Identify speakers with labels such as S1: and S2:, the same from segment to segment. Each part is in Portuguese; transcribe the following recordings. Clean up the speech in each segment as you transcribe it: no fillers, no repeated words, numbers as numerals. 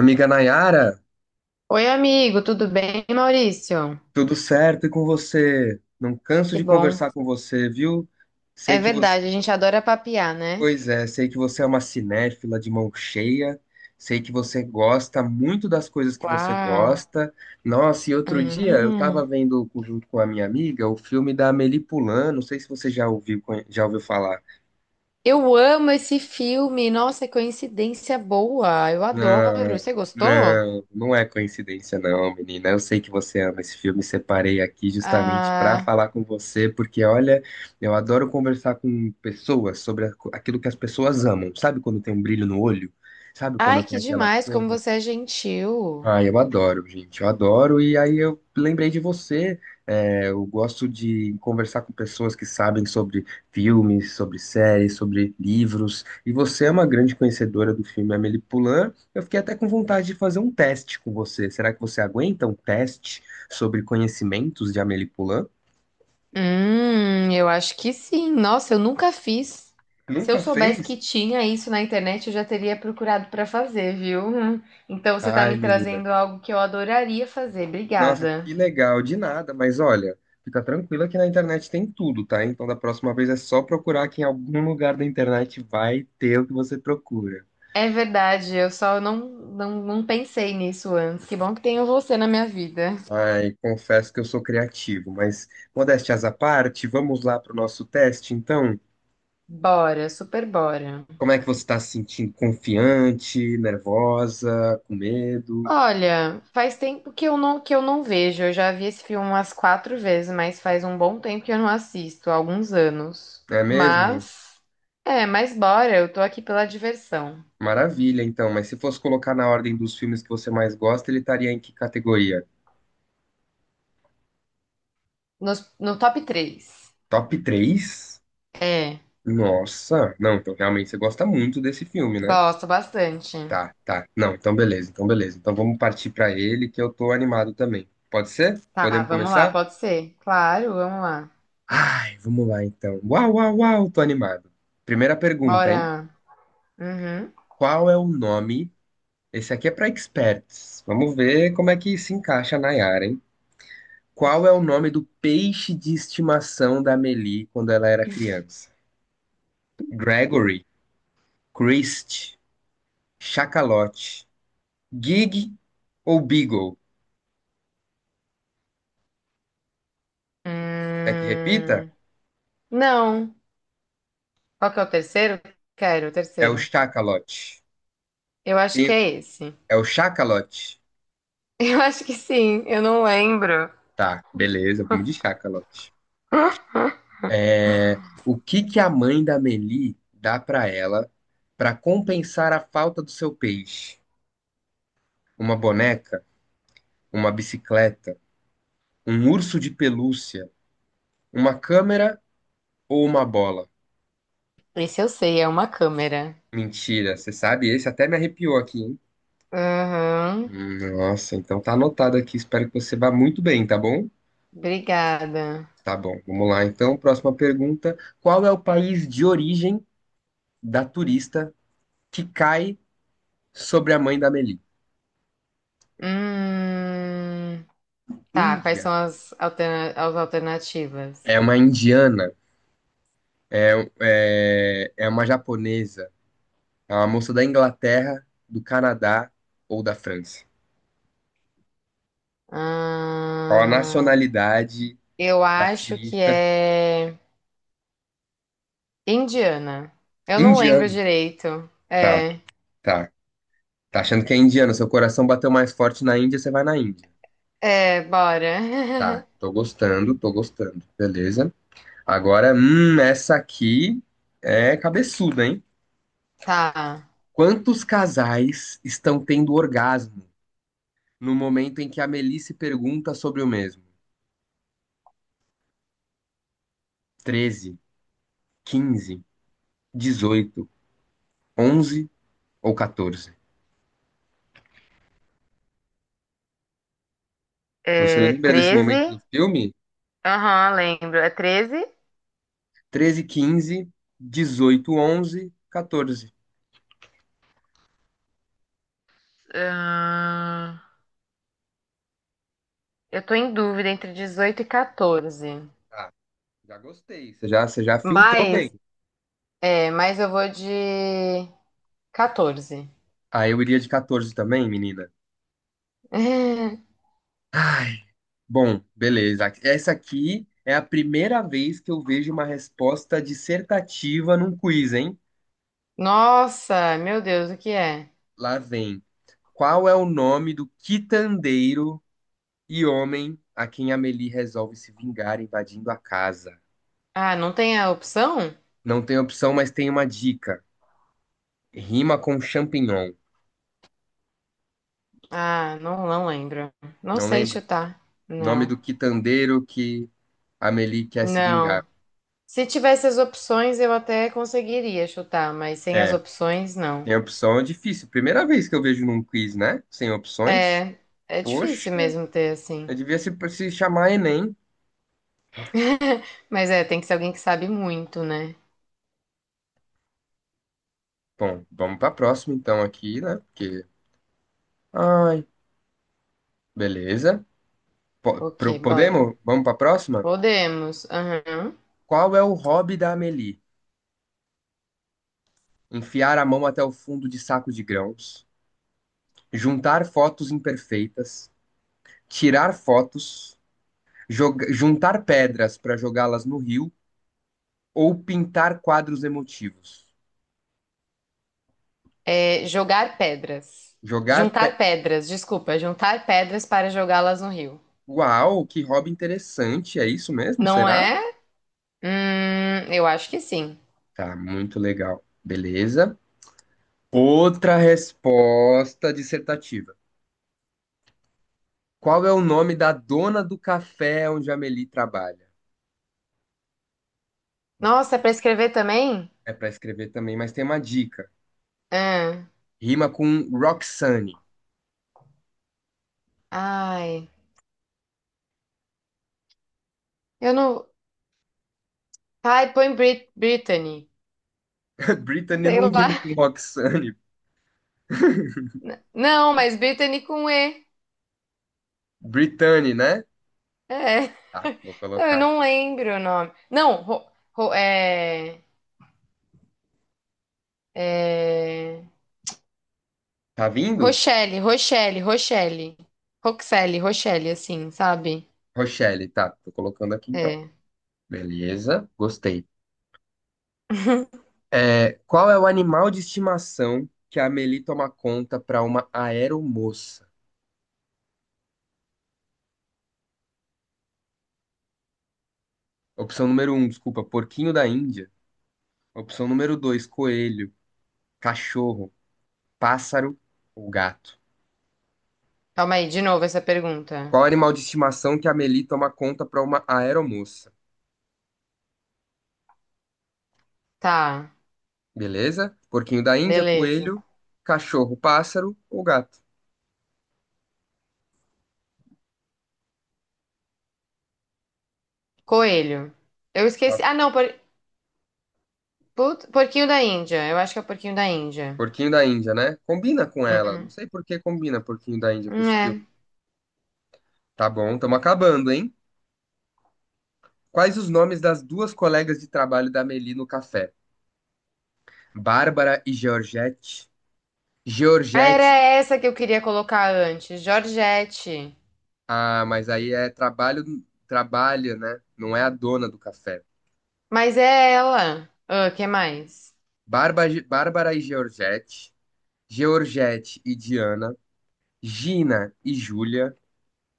S1: Amiga Nayara,
S2: Oi, amigo, tudo bem, Maurício?
S1: tudo certo e com você? Não canso
S2: Que
S1: de
S2: bom.
S1: conversar com você, viu?
S2: É
S1: Sei que você,
S2: verdade, a gente adora papiar, né?
S1: pois é, sei que você é uma cinéfila de mão cheia, sei que você gosta muito das coisas que você
S2: Uau.
S1: gosta. Nossa, e outro dia eu estava
S2: Hum.
S1: vendo junto com a minha amiga o filme da Amélie Poulain, não sei se você já ouviu falar.
S2: Eu amo esse filme. Nossa, coincidência boa. Eu adoro.
S1: Não,
S2: Você gostou?
S1: não, não é coincidência, não, menina. Eu sei que você ama esse filme, separei aqui justamente para
S2: Ah,
S1: falar com você, porque olha, eu adoro conversar com pessoas sobre aquilo que as pessoas amam. Sabe quando tem um brilho no olho? Sabe
S2: ai,
S1: quando tem
S2: que
S1: aquela
S2: demais, como
S1: coisa?
S2: você é gentil.
S1: Ah, eu adoro, gente, eu adoro. E aí eu lembrei de você. É, eu gosto de conversar com pessoas que sabem sobre filmes, sobre séries, sobre livros. E você é uma grande conhecedora do filme Amélie Poulain. Eu fiquei até com vontade de fazer um teste com você. Será que você aguenta um teste sobre conhecimentos de Amélie Poulain?
S2: Eu acho que sim. Nossa, eu nunca fiz. Se eu
S1: Nunca
S2: soubesse
S1: fez?
S2: que tinha isso na internet, eu já teria procurado para fazer, viu? Então você tá
S1: Ai,
S2: me
S1: menina.
S2: trazendo algo que eu adoraria fazer.
S1: Nossa,
S2: Obrigada.
S1: que legal, de nada, mas olha, fica tranquila que na internet tem tudo, tá? Então da próxima vez é só procurar que em algum lugar da internet vai ter o que você procura.
S2: É verdade, eu só não pensei nisso antes. Que bom que tenho você na minha vida.
S1: Ai, confesso que eu sou criativo, mas modéstias à parte, vamos lá para o nosso teste, então?
S2: Bora, super bora.
S1: Como é que você está se sentindo? Confiante, nervosa, com medo?
S2: Olha, faz tempo que eu não vejo. Eu já vi esse filme umas quatro vezes, mas faz um bom tempo que eu não assisto, há alguns anos.
S1: Não é mesmo?
S2: Mas bora, eu tô aqui pela diversão.
S1: Maravilha, então, mas se fosse colocar na ordem dos filmes que você mais gosta, ele estaria em que categoria?
S2: No top três.
S1: Top 3?
S2: É,
S1: Nossa, não, então realmente você gosta muito desse filme, né?
S2: gosto bastante.
S1: Tá, tá. Não, então beleza, então beleza. Então vamos partir pra ele que eu tô animado também. Pode ser?
S2: Tá,
S1: Podemos
S2: vamos lá,
S1: começar?
S2: pode ser? Claro, vamos lá.
S1: Ai, vamos lá então. Uau, uau, uau, tô animado. Primeira pergunta, hein?
S2: Bora. Uhum.
S1: Qual é o nome? Esse aqui é pra experts. Vamos ver como é que se encaixa na Yara, hein? Qual é o nome do peixe de estimação da Amélie quando ela era criança? Gregory, Christ, Chacalote, Gig ou Beagle? Quer que repita?
S2: Hum, Não. Qual que é o terceiro? Quero o
S1: É o
S2: terceiro.
S1: chacalote.
S2: Eu acho que
S1: Tem-
S2: é esse.
S1: É o chacalote.
S2: Eu acho que sim, eu não lembro.
S1: Tá, beleza, vamos de chacalote. É, o que que a mãe da Meli dá pra ela pra compensar a falta do seu peixe? Uma boneca, uma bicicleta, um urso de pelúcia, uma câmera ou uma bola?
S2: Esse eu sei, é uma câmera.
S1: Mentira, você sabe? Esse até me arrepiou aqui, hein?
S2: Uhum.
S1: Nossa, então tá anotado aqui. Espero que você vá muito bem, tá bom?
S2: Obrigada.
S1: Tá bom, vamos lá. Então, próxima pergunta. Qual é o país de origem da turista que cai sobre a mãe da Amélie?
S2: Hum, tá, quais
S1: Índia.
S2: são as, alterna- as alternativas?
S1: É uma indiana, é uma japonesa, é uma moça da Inglaterra, do Canadá ou da França? Qual a
S2: Ah,
S1: nacionalidade
S2: eu
S1: da
S2: acho que
S1: turista?
S2: é indiana. Eu não lembro
S1: Indiano.
S2: direito.
S1: Tá,
S2: É,
S1: tá. Tá achando que é indiano? Seu coração bateu mais forte na Índia, você vai na Índia.
S2: Bora.
S1: Tá, tô gostando, tô gostando. Beleza. Agora, essa aqui é cabeçuda, hein?
S2: Tá.
S1: Quantos casais estão tendo orgasmo no momento em que a Melissa pergunta sobre o mesmo? 13, 15, 18, 11 ou 14? Você
S2: É
S1: lembra desse
S2: treze.
S1: momento do filme?
S2: Aham, lembro. É 13.
S1: 13, 15, 18, 11, 14.
S2: Ahn, eu tô em dúvida entre 18 e 14.
S1: Ah, já gostei. Você já filtrou bem.
S2: Mas, mas eu vou de 14.
S1: Ah, eu iria de 14 também, menina. Ai, bom, beleza. Essa aqui é a primeira vez que eu vejo uma resposta dissertativa num quiz, hein?
S2: Nossa, meu Deus, o que é?
S1: Lá vem. Qual é o nome do quitandeiro e homem a quem Amélie resolve se vingar invadindo a casa?
S2: Ah, não tem a opção?
S1: Não tem opção, mas tem uma dica. Rima com champignon.
S2: Ah, não, não lembro. Não
S1: Não
S2: sei
S1: lembra?
S2: chutar.
S1: Nome
S2: Não.
S1: do quitandeiro que Amélie quer se vingar.
S2: Não. Se tivesse as opções, eu até conseguiria chutar, mas sem as
S1: É,
S2: opções, não.
S1: tem opção é difícil. Primeira vez que eu vejo num quiz, né? Sem opções.
S2: É, é
S1: Poxa.
S2: difícil mesmo ter
S1: Eu
S2: assim.
S1: devia se chamar Enem.
S2: Mas é, tem que ser alguém que sabe muito, né?
S1: Bom, vamos para a próxima então aqui, né? Porque, ai, beleza.
S2: Ok, bora.
S1: Podemos? Vamos para a próxima?
S2: Podemos. Aham.
S1: Qual é o hobby da Amélie? Enfiar a mão até o fundo de saco de grãos, juntar fotos imperfeitas, tirar fotos, juntar pedras para jogá-las no rio ou pintar quadros emotivos.
S2: É, jogar pedras.
S1: Jogar
S2: Juntar
S1: pe...
S2: pedras, desculpa. Juntar pedras para jogá-las no rio.
S1: Uau, que hobby interessante. É isso mesmo,
S2: Não
S1: será?
S2: é? Eu acho que sim.
S1: Tá, muito legal. Beleza. Outra resposta dissertativa. Qual é o nome da dona do café onde a Amélie trabalha?
S2: Nossa, é para escrever também?
S1: É para escrever também, mas tem uma dica.
S2: Ah,
S1: Rima com Roxane.
S2: ai, eu não. Ai, põe Brittany.
S1: Brittany
S2: Sei
S1: não
S2: lá.
S1: rima com Roxane.
S2: Não, mas Brittany com E.
S1: Brittany, né?
S2: É.
S1: Tá, vou
S2: Não, eu
S1: colocar
S2: não
S1: aqui.
S2: lembro o nome. Não, ro- ro- É. É.
S1: Tá vindo?
S2: Rochelle, Rochelle, Rochelle. Roxelle, Rochelle, assim, sabe?
S1: Rochelle, tá. Tô colocando aqui então.
S2: É.
S1: Beleza, gostei. É, qual é o animal de estimação que a Amélie toma conta para uma aeromoça? Opção número um, desculpa, porquinho da Índia. Opção número 2, coelho, cachorro, pássaro ou gato?
S2: Calma aí, de novo essa pergunta.
S1: Qual animal de estimação que a Meli toma conta para uma aeromoça?
S2: Tá,
S1: Beleza? Porquinho da Índia,
S2: beleza.
S1: coelho, cachorro, pássaro ou gato?
S2: Coelho. Eu
S1: Tá.
S2: esqueci. Ah, não, por... put- Porquinho da Índia. Eu acho que é porquinho da Índia.
S1: Porquinho da Índia, né? Combina com ela. Não
S2: Uhum.
S1: sei por que combina Porquinho da Índia com esse
S2: É.
S1: filme. Tá bom, estamos acabando, hein? Quais os nomes das duas colegas de trabalho da Meli no café? Bárbara e Georgette.
S2: Era
S1: Georgette,
S2: essa que eu queria colocar antes. Georgette.
S1: ah, mas aí é trabalho, trabalha, né? Não é a dona do café.
S2: Mas é ela. Ah, que mais?
S1: Bárbara e Georgette, Georgette e Diana, Gina e Júlia,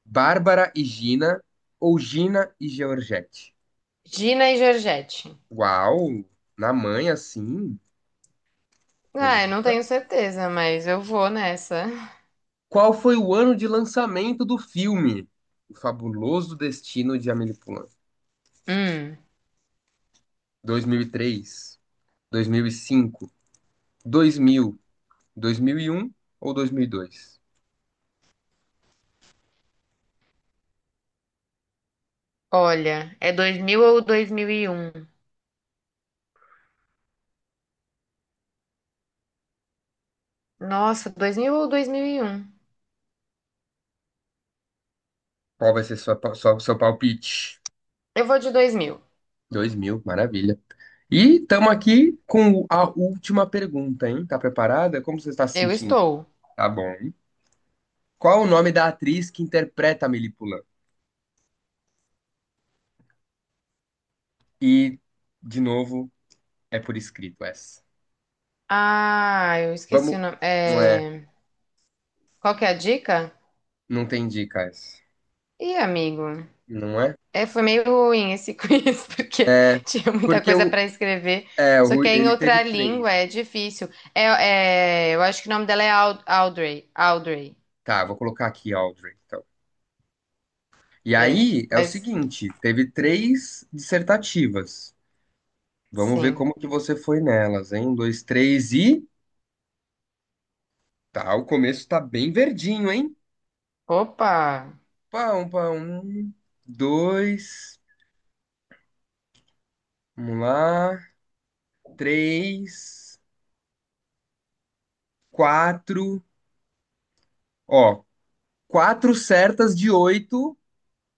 S1: Bárbara e Gina ou Gina e Georgette?
S2: Gina e Georgette.
S1: Uau, na manha sim,
S2: Ah, eu não
S1: beleza.
S2: tenho certeza, mas eu vou nessa.
S1: Qual foi o ano de lançamento do filme O Fabuloso Destino de Amélie Poulain?
S2: Hum.
S1: 2003, 2005, 2000, 2001 ou 2002?
S2: Olha, é 2000 ou 2001? Nossa, 2000 ou 2001?
S1: Qual vai ser sua, seu palpite?
S2: Eu vou de 2000.
S1: 2000, maravilha. E estamos aqui com a última pergunta, hein? Tá preparada? Como você está se
S2: Eu
S1: sentindo?
S2: estou.
S1: Tá bom. Qual o nome da atriz que interpreta a Melípula? E, de novo, é por escrito essa.
S2: Ah, eu esqueci
S1: Vamos.
S2: o nome.
S1: Não é.
S2: É... Qual que é a dica?
S1: Não tem dica essa.
S2: Ih, amigo.
S1: Não é?
S2: É, foi meio ruim esse quiz, porque
S1: É.
S2: tinha muita
S1: Porque
S2: coisa
S1: o,
S2: para escrever.
S1: é, o
S2: Só que
S1: Rui-
S2: é em
S1: ele teve
S2: outra
S1: três.
S2: língua, é difícil. Eu acho que o nome dela é Audrey. Audrey.
S1: Tá, vou colocar aqui, Audrey. Então. E
S2: É,
S1: aí é o
S2: mas
S1: seguinte: teve três dissertativas. Vamos ver
S2: sim.
S1: como que você foi nelas, hein? Um, dois, três e. Tá, o começo tá bem verdinho, hein?
S2: Opa!
S1: Pá, um, dois, vamos lá, três, quatro. Ó, quatro certas de oito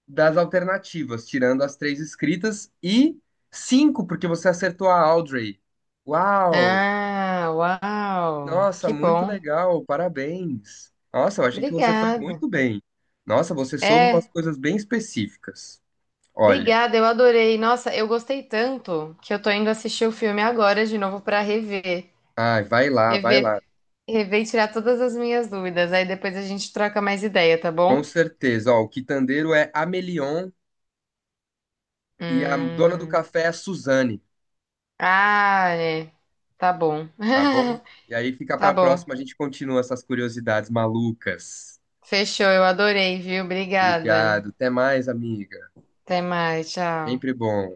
S1: das alternativas, tirando as três escritas, e cinco, porque você acertou a Audrey. Uau!
S2: Ah, uau!
S1: Nossa,
S2: Que
S1: muito
S2: bom.
S1: legal, parabéns. Nossa, eu achei que você foi
S2: Obrigada.
S1: muito bem. Nossa, você soube umas
S2: É,
S1: coisas bem específicas. Olha,
S2: obrigada, eu adorei. Nossa, eu gostei tanto que eu tô indo assistir o filme agora de novo pra rever.
S1: ai, vai lá, vai
S2: Rever,
S1: lá.
S2: Rever e tirar todas as minhas dúvidas. Aí depois a gente troca mais ideia, tá
S1: Com
S2: bom?
S1: certeza. Ó, o quitandeiro é Amelion e a dona do
S2: Hum.
S1: café é a Suzane,
S2: Ah, é. Tá bom.
S1: tá bom? E aí fica
S2: Tá
S1: para a
S2: bom.
S1: próxima, a gente continua essas curiosidades malucas.
S2: Fechou, eu adorei, viu? Obrigada.
S1: Obrigado. Até mais, amiga.
S2: Até mais, tchau.
S1: Sempre bom.